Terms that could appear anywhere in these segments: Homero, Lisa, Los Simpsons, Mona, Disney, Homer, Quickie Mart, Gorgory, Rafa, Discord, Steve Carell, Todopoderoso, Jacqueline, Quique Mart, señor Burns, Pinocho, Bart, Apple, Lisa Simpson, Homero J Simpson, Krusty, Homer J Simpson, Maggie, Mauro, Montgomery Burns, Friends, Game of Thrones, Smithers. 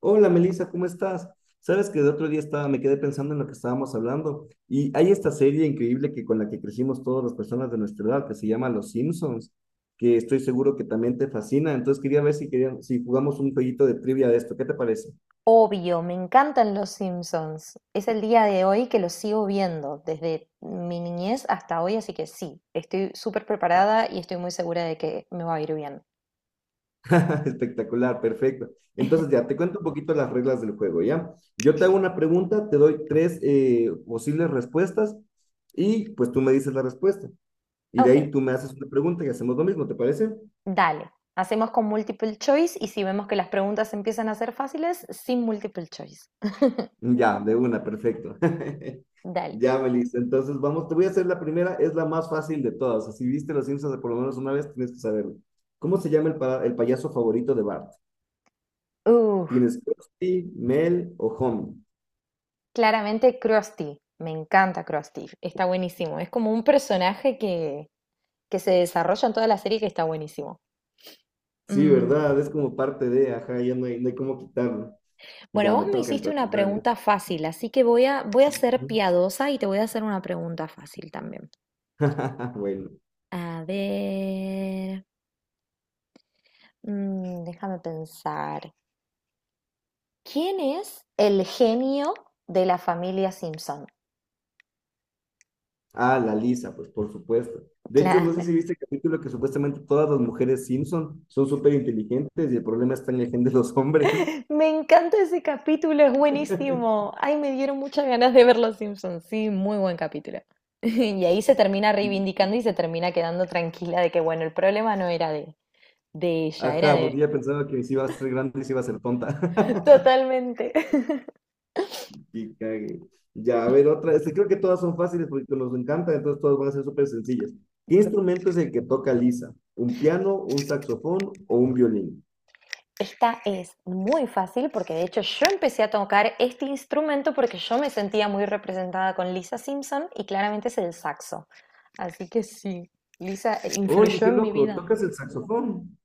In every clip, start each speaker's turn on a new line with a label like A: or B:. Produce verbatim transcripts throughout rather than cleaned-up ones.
A: Hola Melissa, ¿cómo estás? Sabes que el otro día estaba, me quedé pensando en lo que estábamos hablando y hay esta serie increíble que con la que crecimos todas las personas de nuestra edad que se llama Los Simpsons, que estoy seguro que también te fascina. Entonces quería ver si queríamos, si jugamos un jueguito de trivia de esto. ¿Qué te parece?
B: Obvio, me encantan Los Simpsons. Es el día de hoy que los sigo viendo, desde mi niñez hasta hoy, así que sí, estoy súper preparada y estoy muy segura de que me va a ir bien.
A: Espectacular, perfecto. Entonces ya te cuento un poquito las reglas del juego, ¿ya? Yo te hago una pregunta, te doy tres eh, posibles respuestas y pues tú me dices la respuesta. Y de
B: Ok,
A: ahí tú me haces una pregunta y hacemos lo mismo, ¿te parece?
B: dale. Hacemos con multiple choice y si vemos que las preguntas empiezan a ser fáciles, sin multiple choice.
A: Ya, de una, perfecto.
B: Dale.
A: Ya, Melissa. Entonces, vamos, te voy a hacer la primera, es la más fácil de todas. O sea, si viste Los Simpsons por lo menos una vez, tienes que saberlo. ¿Cómo se llama el, pa- el payaso favorito de Bart?
B: Uh,
A: ¿Tienes Krusty, Mel o Homer?
B: Claramente Krusty. Me encanta Krusty. Está buenísimo. Es como un personaje que, que se desarrolla en toda la serie que está buenísimo.
A: Sí,
B: Mm,
A: ¿verdad? Es como parte de, ajá, ya no hay, no hay cómo quitarlo.
B: Bueno,
A: Ya,
B: vos
A: me
B: me
A: toca
B: hiciste una
A: entonces, dale.
B: pregunta fácil, así que voy a, voy a ser
A: Ujú.
B: piadosa y te voy a hacer una pregunta fácil también.
A: Bueno.
B: A ver, mm, déjame pensar. ¿Quién es el genio de la familia Simpson?
A: Ah, la Lisa, pues por supuesto. De hecho, no sé
B: Claro.
A: si viste el capítulo que supuestamente todas las mujeres Simpson son súper inteligentes y el problema está en la gente de los hombres.
B: Me encanta ese capítulo, es buenísimo. Ay, me dieron muchas ganas de ver Los Simpsons. Sí, muy buen capítulo. Y ahí se termina reivindicando y se termina quedando tranquila de que, bueno, el problema no era de, de ella, era
A: Ajá,
B: de...
A: porque ya pensaba que si iba a ser grande y si iba a ser tonta.
B: Totalmente.
A: Y cague. Ya, a ver, otra. Este, creo que todas son fáciles porque nos encanta, entonces todas van a ser súper sencillas. ¿Qué instrumento es el que toca Lisa? ¿Un piano, un saxofón o un violín?
B: Esta es muy fácil porque de hecho yo empecé a tocar este instrumento porque yo me sentía muy representada con Lisa Simpson y claramente es el saxo. Así que sí, Lisa
A: Oye,
B: influyó
A: qué
B: en mi
A: loco,
B: vida.
A: ¿tocas el saxofón?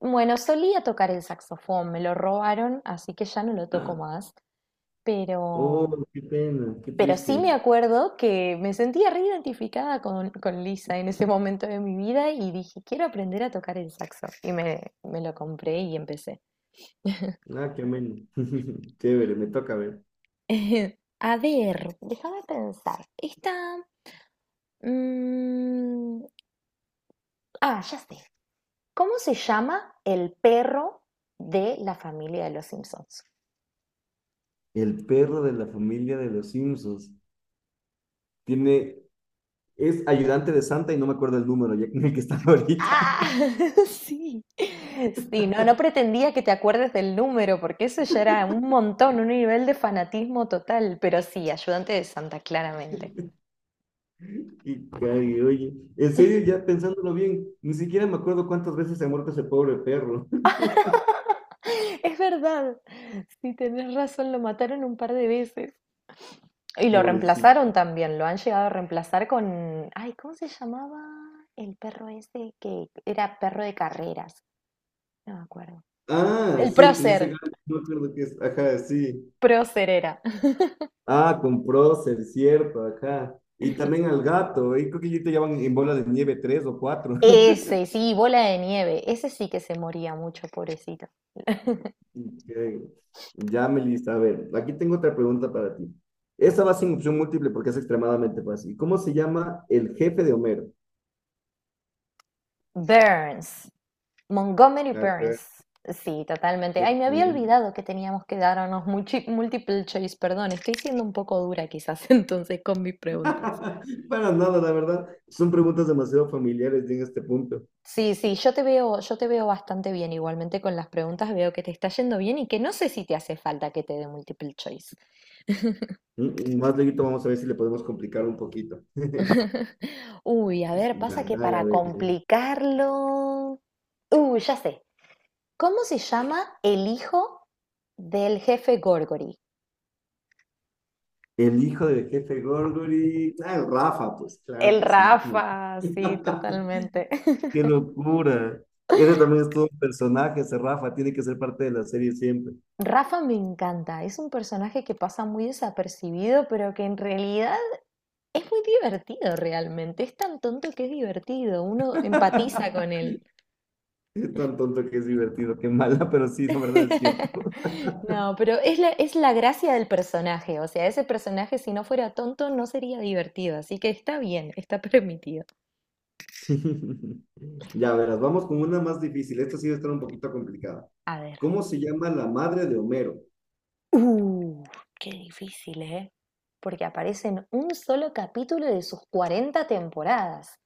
B: Bueno, solía tocar el saxofón, me lo robaron, así que ya no lo toco más,
A: Oh,
B: pero,
A: qué pena, qué
B: pero sí
A: triste.
B: me acuerdo que me sentía reidentificada con, con Lisa en ese momento de mi vida y dije, quiero aprender a tocar el saxo. Y me, me lo compré y empecé.
A: Ah, qué ameno. Chévere, me toca ver.
B: A ver, déjame pensar. Esta... mm, ah, ya sé. ¿Cómo se llama el perro de la familia de los Simpsons?
A: El perro de la familia de los Simpsons tiene, es ayudante de Santa y no me acuerdo el número ya en el que está ahorita.
B: Ah, sí. Sí, no, no pretendía que te acuerdes del número, porque eso ya era un montón, un nivel de fanatismo total, pero sí, ayudante de Santa, claramente.
A: Y cague, oye. En serio, ya pensándolo bien, ni siquiera me acuerdo cuántas veces se ha muerto ese pobre perro.
B: Es verdad. Sí, tenés razón, lo mataron un par de veces. Y lo
A: Pobrecito.
B: reemplazaron también, lo han llegado a reemplazar con, ay, ¿cómo se llamaba el perro ese que era perro de carreras? No me acuerdo.
A: Ah,
B: El
A: sí, con ese
B: prócer,
A: gato, no me acuerdo qué es. Ajá, sí.
B: prócer era.
A: Ah, con Procer, cierto, ajá. Y también al gato, y creo que ellos te llevan en bola de nieve tres o cuatro.
B: Ese, sí, bola de nieve, ese sí que se moría mucho, pobrecito.
A: Ok. Ya, Melissa, a ver, aquí tengo otra pregunta para ti. Esa va sin opción múltiple porque es extremadamente fácil. ¿Cómo se llama el jefe de Homero?
B: Burns, Montgomery
A: Ajá.
B: Burns. Sí, totalmente. Ay, me había
A: Exactamente.
B: olvidado que teníamos que darnos multi- multiple choice, perdón, estoy siendo un poco dura quizás entonces con mis preguntas.
A: Para nada, la verdad. Son preguntas demasiado familiares en este punto.
B: Sí, sí, yo te veo, yo te veo bastante bien. Igualmente con las preguntas veo que te está yendo bien y que no sé si te hace falta que te dé multiple choice.
A: Mm, mm, más luego vamos a ver si le podemos complicar un poquito.
B: Uy, a ver,
A: Ya,
B: pasa que
A: dale, a
B: para
A: ver.
B: complicarlo. Uy, ya sé. ¿Cómo se llama el hijo del jefe Gorgory?
A: El hijo del jefe Gorgory. Ah, Rafa, pues claro
B: El
A: que sí. Cómo.
B: Rafa, sí, totalmente.
A: Qué locura. Ese también es todo un personaje, ese Rafa. Tiene que ser parte de la serie siempre.
B: Rafa me encanta, es un personaje que pasa muy desapercibido, pero que en realidad es muy divertido realmente, es tan tonto que es divertido, uno empatiza con él.
A: Es tan tonto que es divertido, qué mala, pero sí, la verdad es cierto.
B: No, pero es la, es la gracia del personaje, o sea, ese personaje si no fuera tonto no sería divertido, así que está bien, está permitido.
A: Ya verás, vamos con una más difícil. Esta sí va a estar un poquito complicada.
B: A ver.
A: ¿Cómo se llama la madre de Homero?
B: Uh, Qué difícil, ¿eh? Porque aparece en un solo capítulo de sus cuarenta temporadas.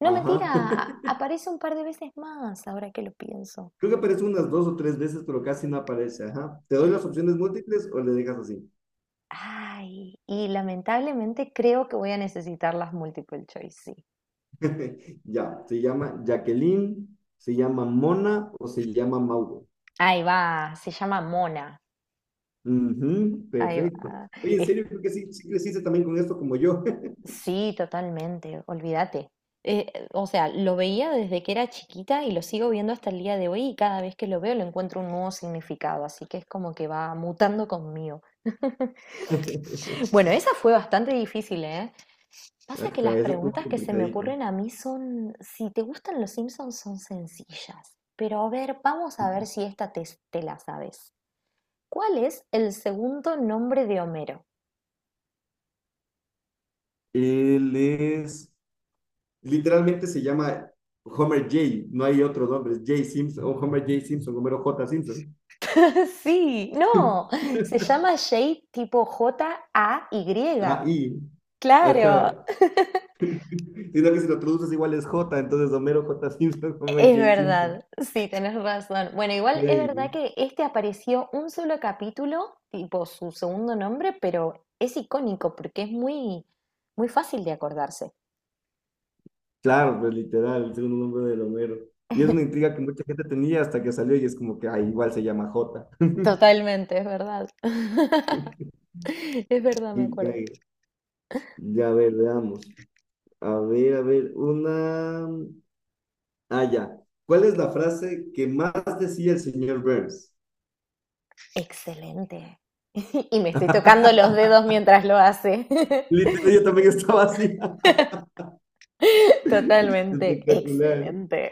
B: No, mentira,
A: Ajá.
B: a- aparece un par de veces más, ahora que lo pienso.
A: Creo que aparece unas dos o tres veces, pero casi no aparece. Ajá. ¿Te doy las opciones múltiples o le dejas así?
B: Ay, y lamentablemente creo que voy a necesitar las multiple choice, sí.
A: Ya, se llama Jacqueline, se llama Mona o se llama Mauro.
B: Ahí va, se llama Mona.
A: Ujú,
B: Ahí
A: perfecto.
B: va.
A: Oye, en
B: Es-
A: serio, creo que sí, sí creciste también con esto como yo.
B: sí, totalmente, olvídate. Eh, o sea, lo veía desde que era chiquita y lo sigo viendo hasta el día de hoy y cada vez que lo veo le encuentro un nuevo significado, así que es como que va mutando conmigo. Bueno, esa fue bastante difícil, ¿eh? Pasa que las
A: Ajá, eso estuvo
B: preguntas que se me
A: complicadita.
B: ocurren a mí son, si te gustan los Simpsons, son sencillas. Pero a ver, vamos a ver si esta te, te la sabes. ¿Cuál es el segundo nombre de Homero?
A: Él es. Literalmente se llama Homer J, no hay otro nombre, es J Simpson, o Homer J Simpson, Homero J Simpson.
B: Sí, no, se llama Jay tipo J-A-Y.
A: Ahí,
B: Claro,
A: ajá. Sino que si lo traduces igual es J, entonces Homero J Simpson, Homer
B: es
A: J Simpson.
B: verdad, sí, tenés razón. Bueno, igual es verdad
A: Ay,
B: que este apareció un solo capítulo, tipo su segundo nombre, pero es icónico porque es muy, muy fácil de acordarse.
A: claro, pues literal, el segundo nombre de Homero. Y es una intriga que mucha gente tenía hasta que salió y es como que, ah, igual se llama J.
B: Totalmente, es verdad. Es verdad, me
A: Y
B: acuerdo.
A: cae. Ya, a ver, veamos. A ver, a ver, una... Ah, ya. ¿Cuál es la frase que más decía el señor Burns?
B: Excelente. Y me estoy tocando los dedos mientras lo hace.
A: Literal, yo también estaba así.
B: Totalmente.
A: Espectacular.
B: Excelente.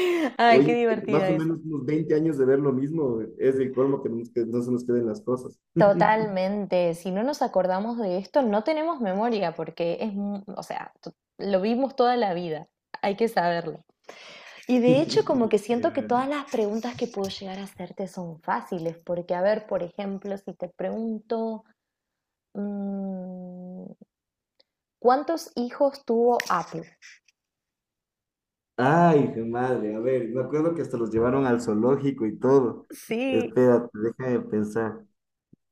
B: Ay, qué
A: Oye, más
B: divertida
A: o
B: esa.
A: menos unos veinte años de ver lo mismo, es el colmo que, no nos- que no se nos queden las cosas.
B: Totalmente. Si no nos acordamos de esto, no tenemos memoria porque es, mu- o sea, to- lo vimos toda la vida. Hay que saberlo. Y de hecho, como que siento que
A: Literal.
B: todas las preguntas que puedo llegar a hacerte son fáciles, porque a ver, por ejemplo, si te pregunto... Mm, ¿cuántos hijos tuvo Apple?
A: Ay, qué madre, a ver, me acuerdo que hasta los llevaron al zoológico y todo.
B: Sí,
A: Espérate, déjame pensar.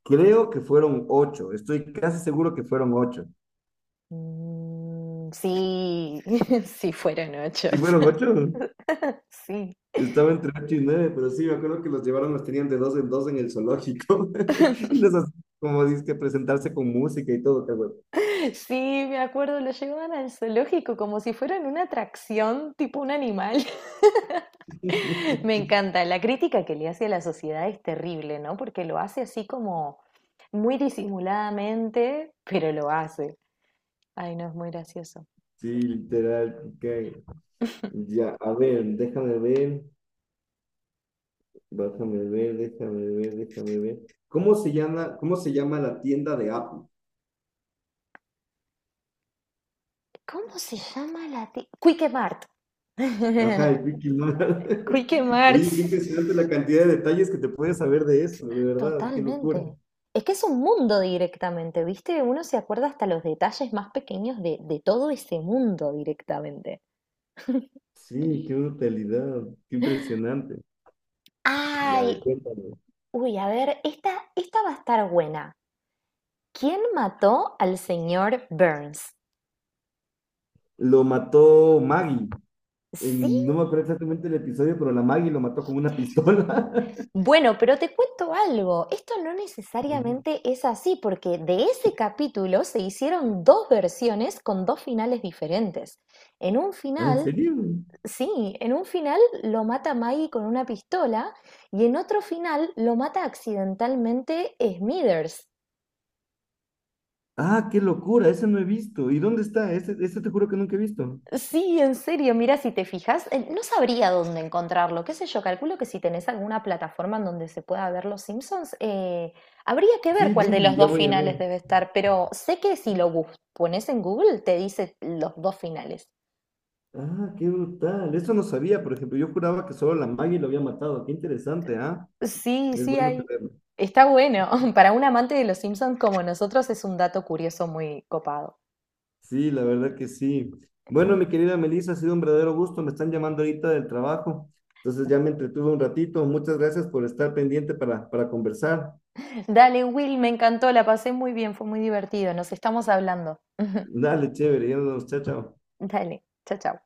A: Creo que fueron ocho, estoy casi seguro que fueron ocho.
B: Mm, sí, sí fueron ocho.
A: ¿Sí fueron ocho?
B: Sí.
A: Estaba entre ocho y nueve pero sí, me acuerdo que los llevaron, los tenían de dos en dos en el zoológico. Y los hacían, como dices, que presentarse con música y todo, cabrón.
B: Sí, me acuerdo, lo llevaban al zoológico como si fueran una atracción, tipo un animal. Me encanta. La crítica que le hace a la sociedad es terrible, ¿no? Porque lo hace así como muy disimuladamente, pero lo hace. Ay, no, es muy gracioso.
A: Sí, literal. Ok. Ya, a ver, déjame ver, déjame ver, déjame ver, déjame ver. ¿Cómo se llama, cómo se llama la tienda de Apple?
B: ¿Cómo se llama la tienda? Quique Mart.
A: Ajá, el Quickie Mart.
B: Quique Mart.
A: Oye, qué impresionante la cantidad de detalles que te puedes saber de eso, de verdad, qué locura.
B: Totalmente. Es que es un mundo directamente, ¿viste? Uno se acuerda hasta los detalles más pequeños de, de todo ese mundo directamente.
A: Sí, qué brutalidad, qué impresionante. Ya, a
B: Ay,
A: ver, cuéntame.
B: uy, a ver, esta, esta va a estar buena. ¿Quién mató al señor Burns?
A: Lo mató Maggie. En, no
B: Sí.
A: me acuerdo exactamente el episodio, pero la Maggie lo mató con una pistola.
B: Bueno, pero te cuento algo, esto no necesariamente es así, porque de ese capítulo se hicieron dos versiones con dos finales diferentes. En un
A: Ah, ¿en
B: final,
A: serio?
B: sí, en un final lo mata Maggie con una pistola y en otro final lo mata accidentalmente Smithers.
A: Ah, qué locura, ese no he visto. ¿Y dónde está? Ese, ese te juro que nunca he visto.
B: Sí, en serio, mira, si te fijas, eh, no sabría dónde encontrarlo, qué sé yo, calculo que si tenés alguna plataforma en donde se pueda ver Los Simpsons, eh, habría que ver
A: Sí,
B: cuál de
A: Disney,
B: los
A: ya
B: dos
A: voy a
B: finales
A: ver.
B: debe estar, pero sé que si lo bus- pones en Google te dice los dos finales.
A: Ah, qué brutal. Eso no sabía, por ejemplo. Yo juraba que solo la Maggie lo había matado. Qué interesante, ¿ah?
B: Sí,
A: Es
B: sí,
A: bueno
B: hay.
A: saberlo.
B: Está bueno. Para un amante de Los Simpsons como nosotros es un dato curioso muy copado.
A: Sí, la verdad que sí. Bueno, mi querida Melissa, ha sido un verdadero gusto. Me están llamando ahorita del trabajo. Entonces ya me entretuve un ratito. Muchas gracias por estar pendiente para, para, conversar.
B: Dale, Will, me encantó, la pasé muy bien, fue muy divertido, nos estamos hablando.
A: Dale, chévere, ya nos vemos, chao, chao.
B: Dale, chao, chao.